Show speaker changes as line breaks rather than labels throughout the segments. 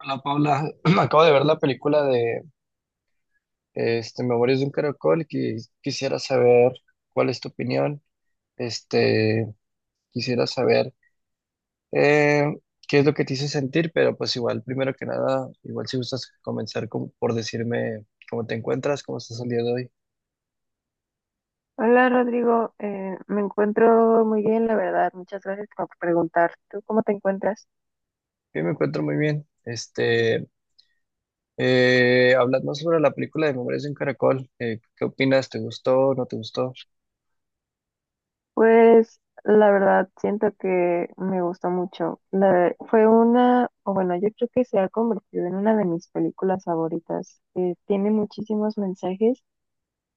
Hola Paula, acabo de ver la película de Memorias de un Caracol y quisiera saber cuál es tu opinión. Este, quisiera saber eh, qué es lo que te hizo sentir, pero pues igual, primero que nada, igual si gustas comenzar por decirme cómo te encuentras, cómo estás el día de hoy.
Hola Rodrigo, me encuentro muy bien, la verdad. Muchas gracias por preguntar. ¿Tú cómo te encuentras?
Yo me encuentro muy bien. Hablando sobre la película de Memorias de un Caracol, ¿qué opinas? ¿Te gustó? ¿No te gustó?
Pues la verdad, siento que me gustó mucho. Fue una, o bueno, yo creo que se ha convertido en una de mis películas favoritas. Tiene muchísimos mensajes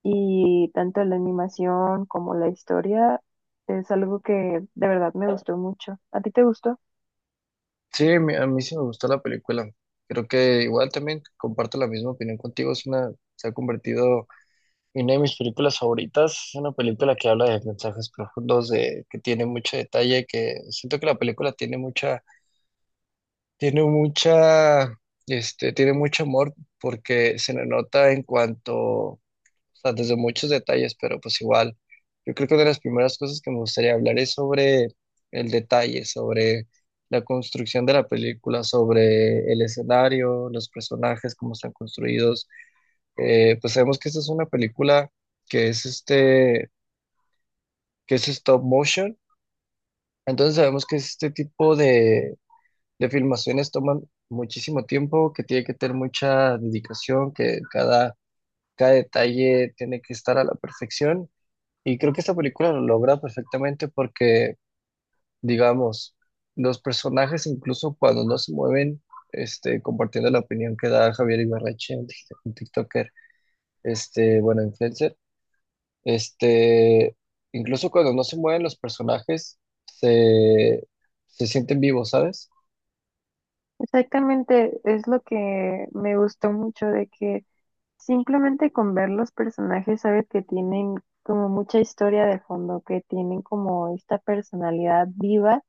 y tanto la animación como la historia es algo que de verdad me gustó mucho. ¿A ti te gustó?
Sí, a mí sí me gustó la película. Creo que igual también comparto la misma opinión contigo. Es una, se ha convertido en una de mis películas favoritas. Es una película que habla de mensajes profundos, de, que tiene mucho detalle, que siento que la película tiene mucha, tiene mucha, tiene mucho amor porque se le nota en cuanto o sea, desde muchos detalles, pero pues igual, yo creo que una de las primeras cosas que me gustaría hablar es sobre el detalle, sobre la construcción de la película, sobre el escenario, los personajes, cómo están construidos. Pues sabemos que esta es una película que es este, que es stop motion, entonces sabemos que este tipo de filmaciones toman muchísimo tiempo, que tiene que tener mucha dedicación, cada detalle tiene que estar a la perfección. Y creo que esta película lo logra perfectamente porque, digamos, los personajes, incluso cuando no se mueven, este, compartiendo la opinión que da Javier Ibarreche, un TikToker, bueno, influencer, este, incluso cuando no se mueven los personajes, se, se sienten vivos, ¿sabes?
Exactamente, es lo que me gustó mucho de que... Simplemente con ver los personajes sabes que tienen como mucha historia de fondo, que tienen como esta personalidad viva,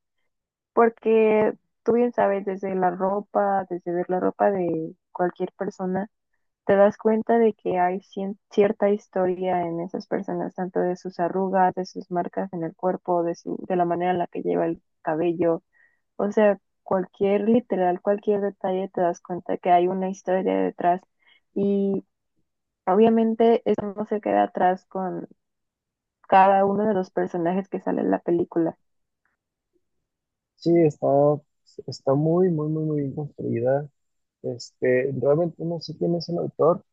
porque tú bien sabes, desde la ropa, desde ver la ropa de cualquier persona, te das cuenta de que hay cierta historia en esas personas, tanto de sus arrugas, de sus marcas en el cuerpo, de su, de la manera en la que lleva el cabello, o sea, cualquier literal, cualquier detalle te das cuenta que hay una historia detrás. Y obviamente esto no se queda atrás con cada uno de los personajes que sale en la película.
Sí, está muy, muy, muy, muy bien construida. Este, realmente no sé quién es el autor,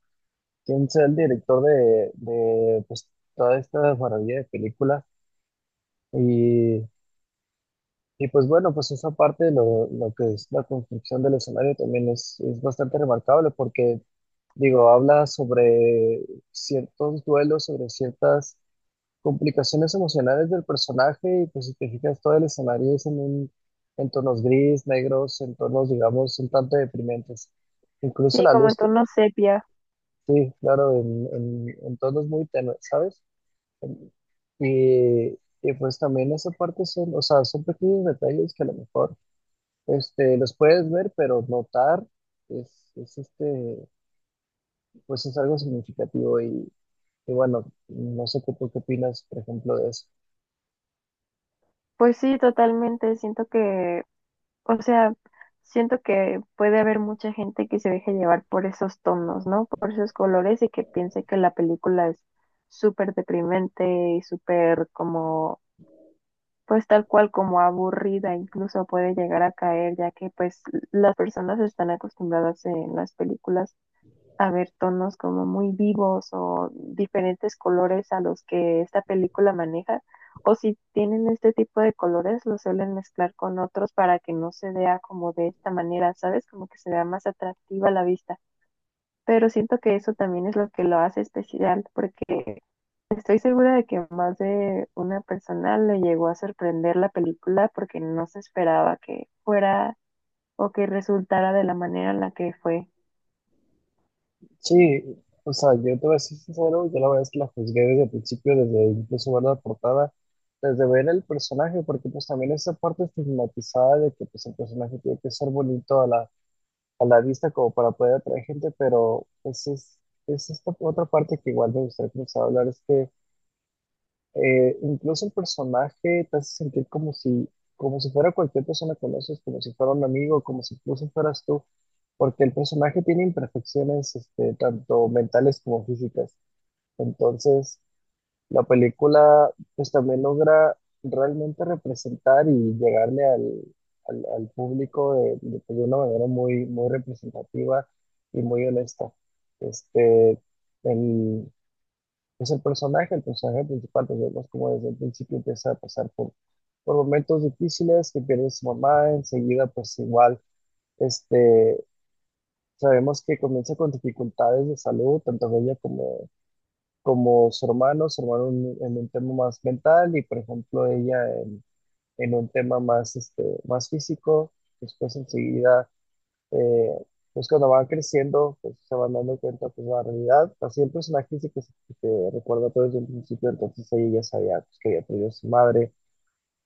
quién sea el director de pues, toda esta maravilla de películas. Y, y pues bueno, pues esa parte de lo que es la construcción del escenario también es bastante remarcable porque, digo, habla sobre ciertos duelos, sobre ciertas complicaciones emocionales del personaje y pues si te fijas, todo el escenario es en en tonos gris, negros, en tonos, digamos, un tanto deprimentes. Incluso
Sí,
la
como en
luz,
tono sepia.
sí, claro, en tonos muy tenues, ¿sabes? Y, y pues también esa parte son, o sea, son pequeños detalles que a lo mejor los puedes ver, pero notar es, es este, pues es algo significativo y bueno, no sé qué, tú qué opinas, por ejemplo, de eso.
Pues sí, totalmente. Siento que, o sea, siento que puede haber mucha gente que se deje llevar por esos tonos, ¿no? Por esos colores y que piense que la película es súper deprimente y súper como, pues tal cual como aburrida, incluso puede llegar a caer, ya que pues las personas están acostumbradas en las películas a ver tonos como muy vivos o diferentes colores a los que esta película maneja. O si tienen este tipo de colores, los suelen mezclar con otros para que no se vea como de esta manera, ¿sabes? Como que se vea más atractiva a la vista. Pero siento que eso también es lo que lo hace especial, porque estoy segura de que más de una persona le llegó a sorprender la película porque no se esperaba que fuera o que resultara de la manera en la que fue.
Sí, o sea, yo te voy a ser sincero, yo la verdad es que la juzgué desde el principio, desde incluso ver la portada, desde ver el personaje, porque pues también esa parte estigmatizada de que pues el personaje tiene que ser bonito a la vista como para poder atraer gente, pero pues es esta otra parte que igual me gustaría comenzar a hablar, es que incluso el personaje te hace sentir como si fuera cualquier persona que conoces, como si fuera un amigo, como si incluso fueras tú, porque el personaje tiene imperfecciones este, tanto mentales como físicas. Entonces, la película pues también logra realmente representar y llegarle al público de pues, de una manera muy, muy representativa y muy honesta. Este, el, pues el personaje principal, pues vemos como desde el principio empieza a pasar por momentos difíciles, que pierde a su mamá, enseguida pues igual, este, sabemos que comienza con dificultades de salud, tanto ella como como su hermano en un tema más mental y por ejemplo ella en un tema más, más físico, después enseguida, eh, pues cuando van creciendo, pues se van dando cuenta pues la realidad, así el personaje sí que se recuerda todo desde el principio, entonces ella ya sabía pues, que había perdido a su madre,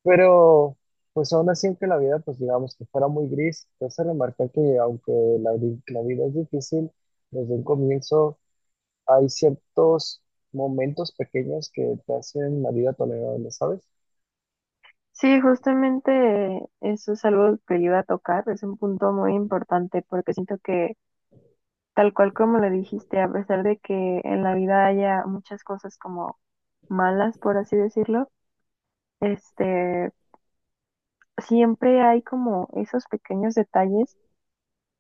pero pues aún así aunque la vida pues digamos que fuera muy gris, te hace remarcar que aunque la vida es difícil, desde un comienzo hay ciertos momentos pequeños que te hacen la vida tolerable, ¿sabes?
Sí, justamente eso es algo que yo iba a tocar, es un punto muy importante porque siento que tal cual como lo dijiste, a pesar de que en la vida haya muchas cosas como malas, por así decirlo, este, siempre hay como esos pequeños detalles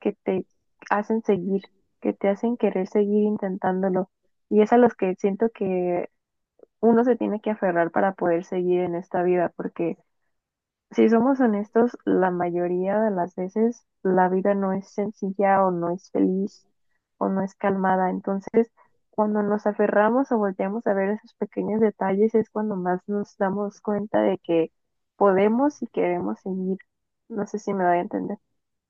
que te hacen seguir, que te hacen querer seguir intentándolo y es a los que siento que uno se tiene que aferrar para poder seguir en esta vida porque, si somos honestos, la mayoría de las veces la vida no es sencilla o no es feliz o no es calmada. Entonces, cuando nos aferramos o volteamos a ver esos pequeños detalles es cuando más nos damos cuenta de que podemos y queremos seguir. No sé si me doy a entender.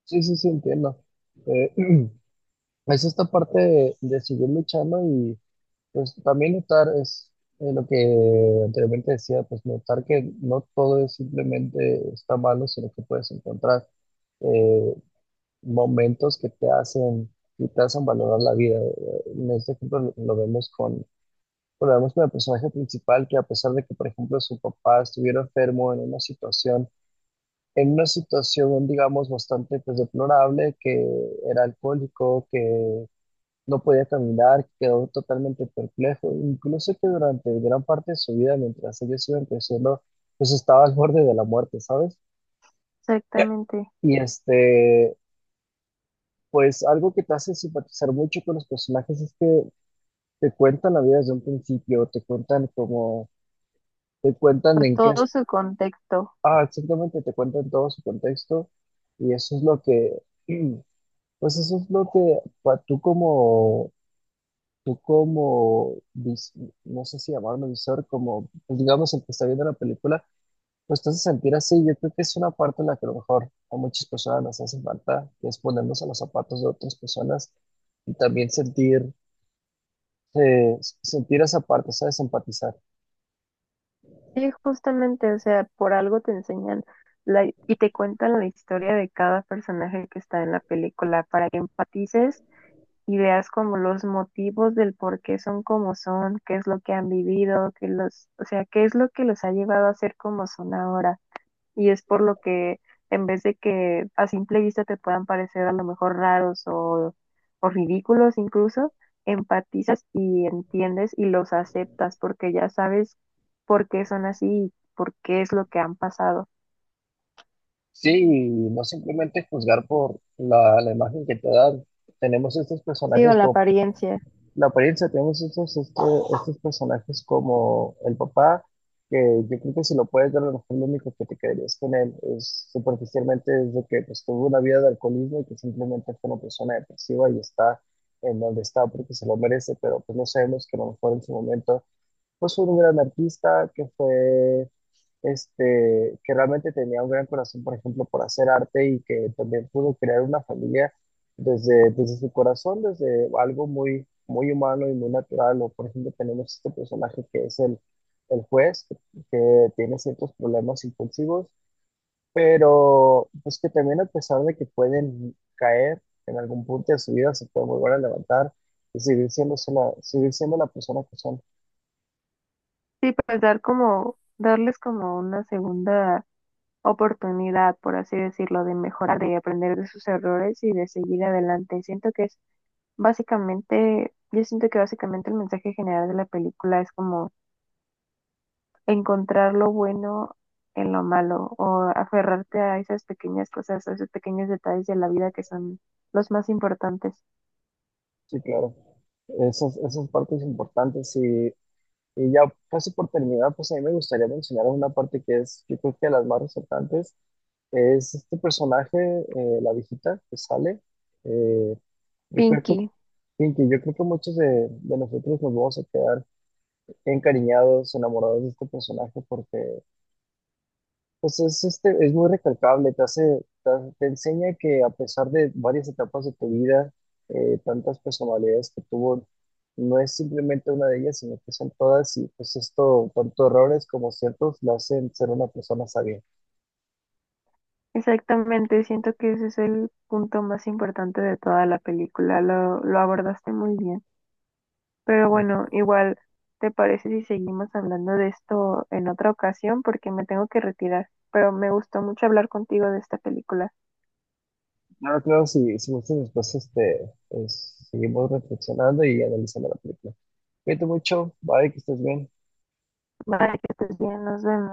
Sí, sí, sí, entiendo. Eh, es esta parte de seguir luchando y pues también notar es lo que anteriormente decía, pues notar que no todo es simplemente está malo, sino que puedes encontrar eh, momentos que te hacen y te hacen valorar la vida. En este ejemplo lo vemos con bueno, vemos con el personaje principal que a pesar de que, por ejemplo, su papá estuviera enfermo en una situación, digamos, bastante pues deplorable, que era alcohólico, que no podía caminar, que quedó totalmente perplejo, incluso que durante gran parte de su vida, mientras ellos iban creciendo, pues estaba al borde de la muerte, ¿sabes?
Exactamente.
Y pues algo que te hace simpatizar mucho con los personajes es que te cuentan la vida desde un principio, te cuentan
Pues
en qué
todo su contexto.
ah, exactamente, te cuentan todo su contexto y eso es lo que, pues eso es lo que tú como, no sé si llamarlo visor, como, pues digamos el que está viendo la película, pues te hace sentir así. Yo creo que es una parte en la que a lo mejor a muchas personas nos hace falta, que es ponernos a los zapatos de otras personas y también sentir esa parte, ¿sabes? Empatizar.
Sí, justamente, o sea, por algo te enseñan la, y te cuentan la historia de cada personaje que está en la película para que empatices ideas como los motivos del por qué son como son, qué es lo que han vivido, que los, o sea, qué es lo que los ha llevado a ser como son ahora. Y es por lo que en vez de que a simple vista te puedan parecer a lo mejor raros o ridículos incluso, empatizas y entiendes y los aceptas porque ya sabes por qué son así y por qué es lo que han pasado.
Sí, y no simplemente juzgar por la imagen que te dan. Tenemos estos
Sí, o
personajes
la
como
apariencia.
la apariencia, tenemos estos personajes como el papá, que yo creo que si lo puedes ver, a lo mejor lo único que te quedarías con él es superficialmente es de que pues, tuvo una vida de alcoholismo y que simplemente fue una persona depresiva y está en donde está porque se lo merece, pero pues no sabemos que a lo mejor en su momento pues un gran artista que fue, que realmente tenía un gran corazón, por ejemplo, por hacer arte y que también pudo crear una familia desde su corazón, desde algo muy, muy humano y muy natural. O, por ejemplo, tenemos este personaje que es el juez, que tiene ciertos problemas impulsivos, pero pues que también a pesar de que pueden caer en algún punto de su vida, se pueden volver a levantar y seguir siendo la persona que son.
Sí, pues dar como, darles como una segunda oportunidad, por así decirlo, de mejorar, de aprender de sus errores y de seguir adelante. Siento que es básicamente, yo siento que básicamente el mensaje general de la película es como encontrar lo bueno en lo malo o aferrarte a esas pequeñas cosas, a esos pequeños detalles de la vida que son los más importantes.
Sí, claro. Esas partes importantes y ya casi por terminar, pues a mí me gustaría mencionar una parte que es, yo creo que de las más resaltantes, es este personaje, la viejita que sale. Eh, yo creo que,
Pinky,
Pinky, yo creo que muchos de nosotros nos vamos a quedar encariñados, enamorados de este personaje porque pues es, es muy recalcable, te, te enseña que a pesar de varias etapas de tu vida, tantas personalidades que tuvo, no es simplemente una de ellas, sino que son todas y pues esto, tanto errores como ciertos, la hacen ser una persona sabia.
exactamente, siento que ese es el punto más importante de toda la película, lo abordaste muy bien. Pero bueno, igual, ¿te parece si seguimos hablando de esto en otra ocasión? Porque me tengo que retirar. Pero me gustó mucho hablar contigo de esta película.
Claro, claro, si, si gustas después pues, seguimos reflexionando y analizando la película. Cuídate mucho, bye, que estés bien.
Vale, que estés bien, nos vemos.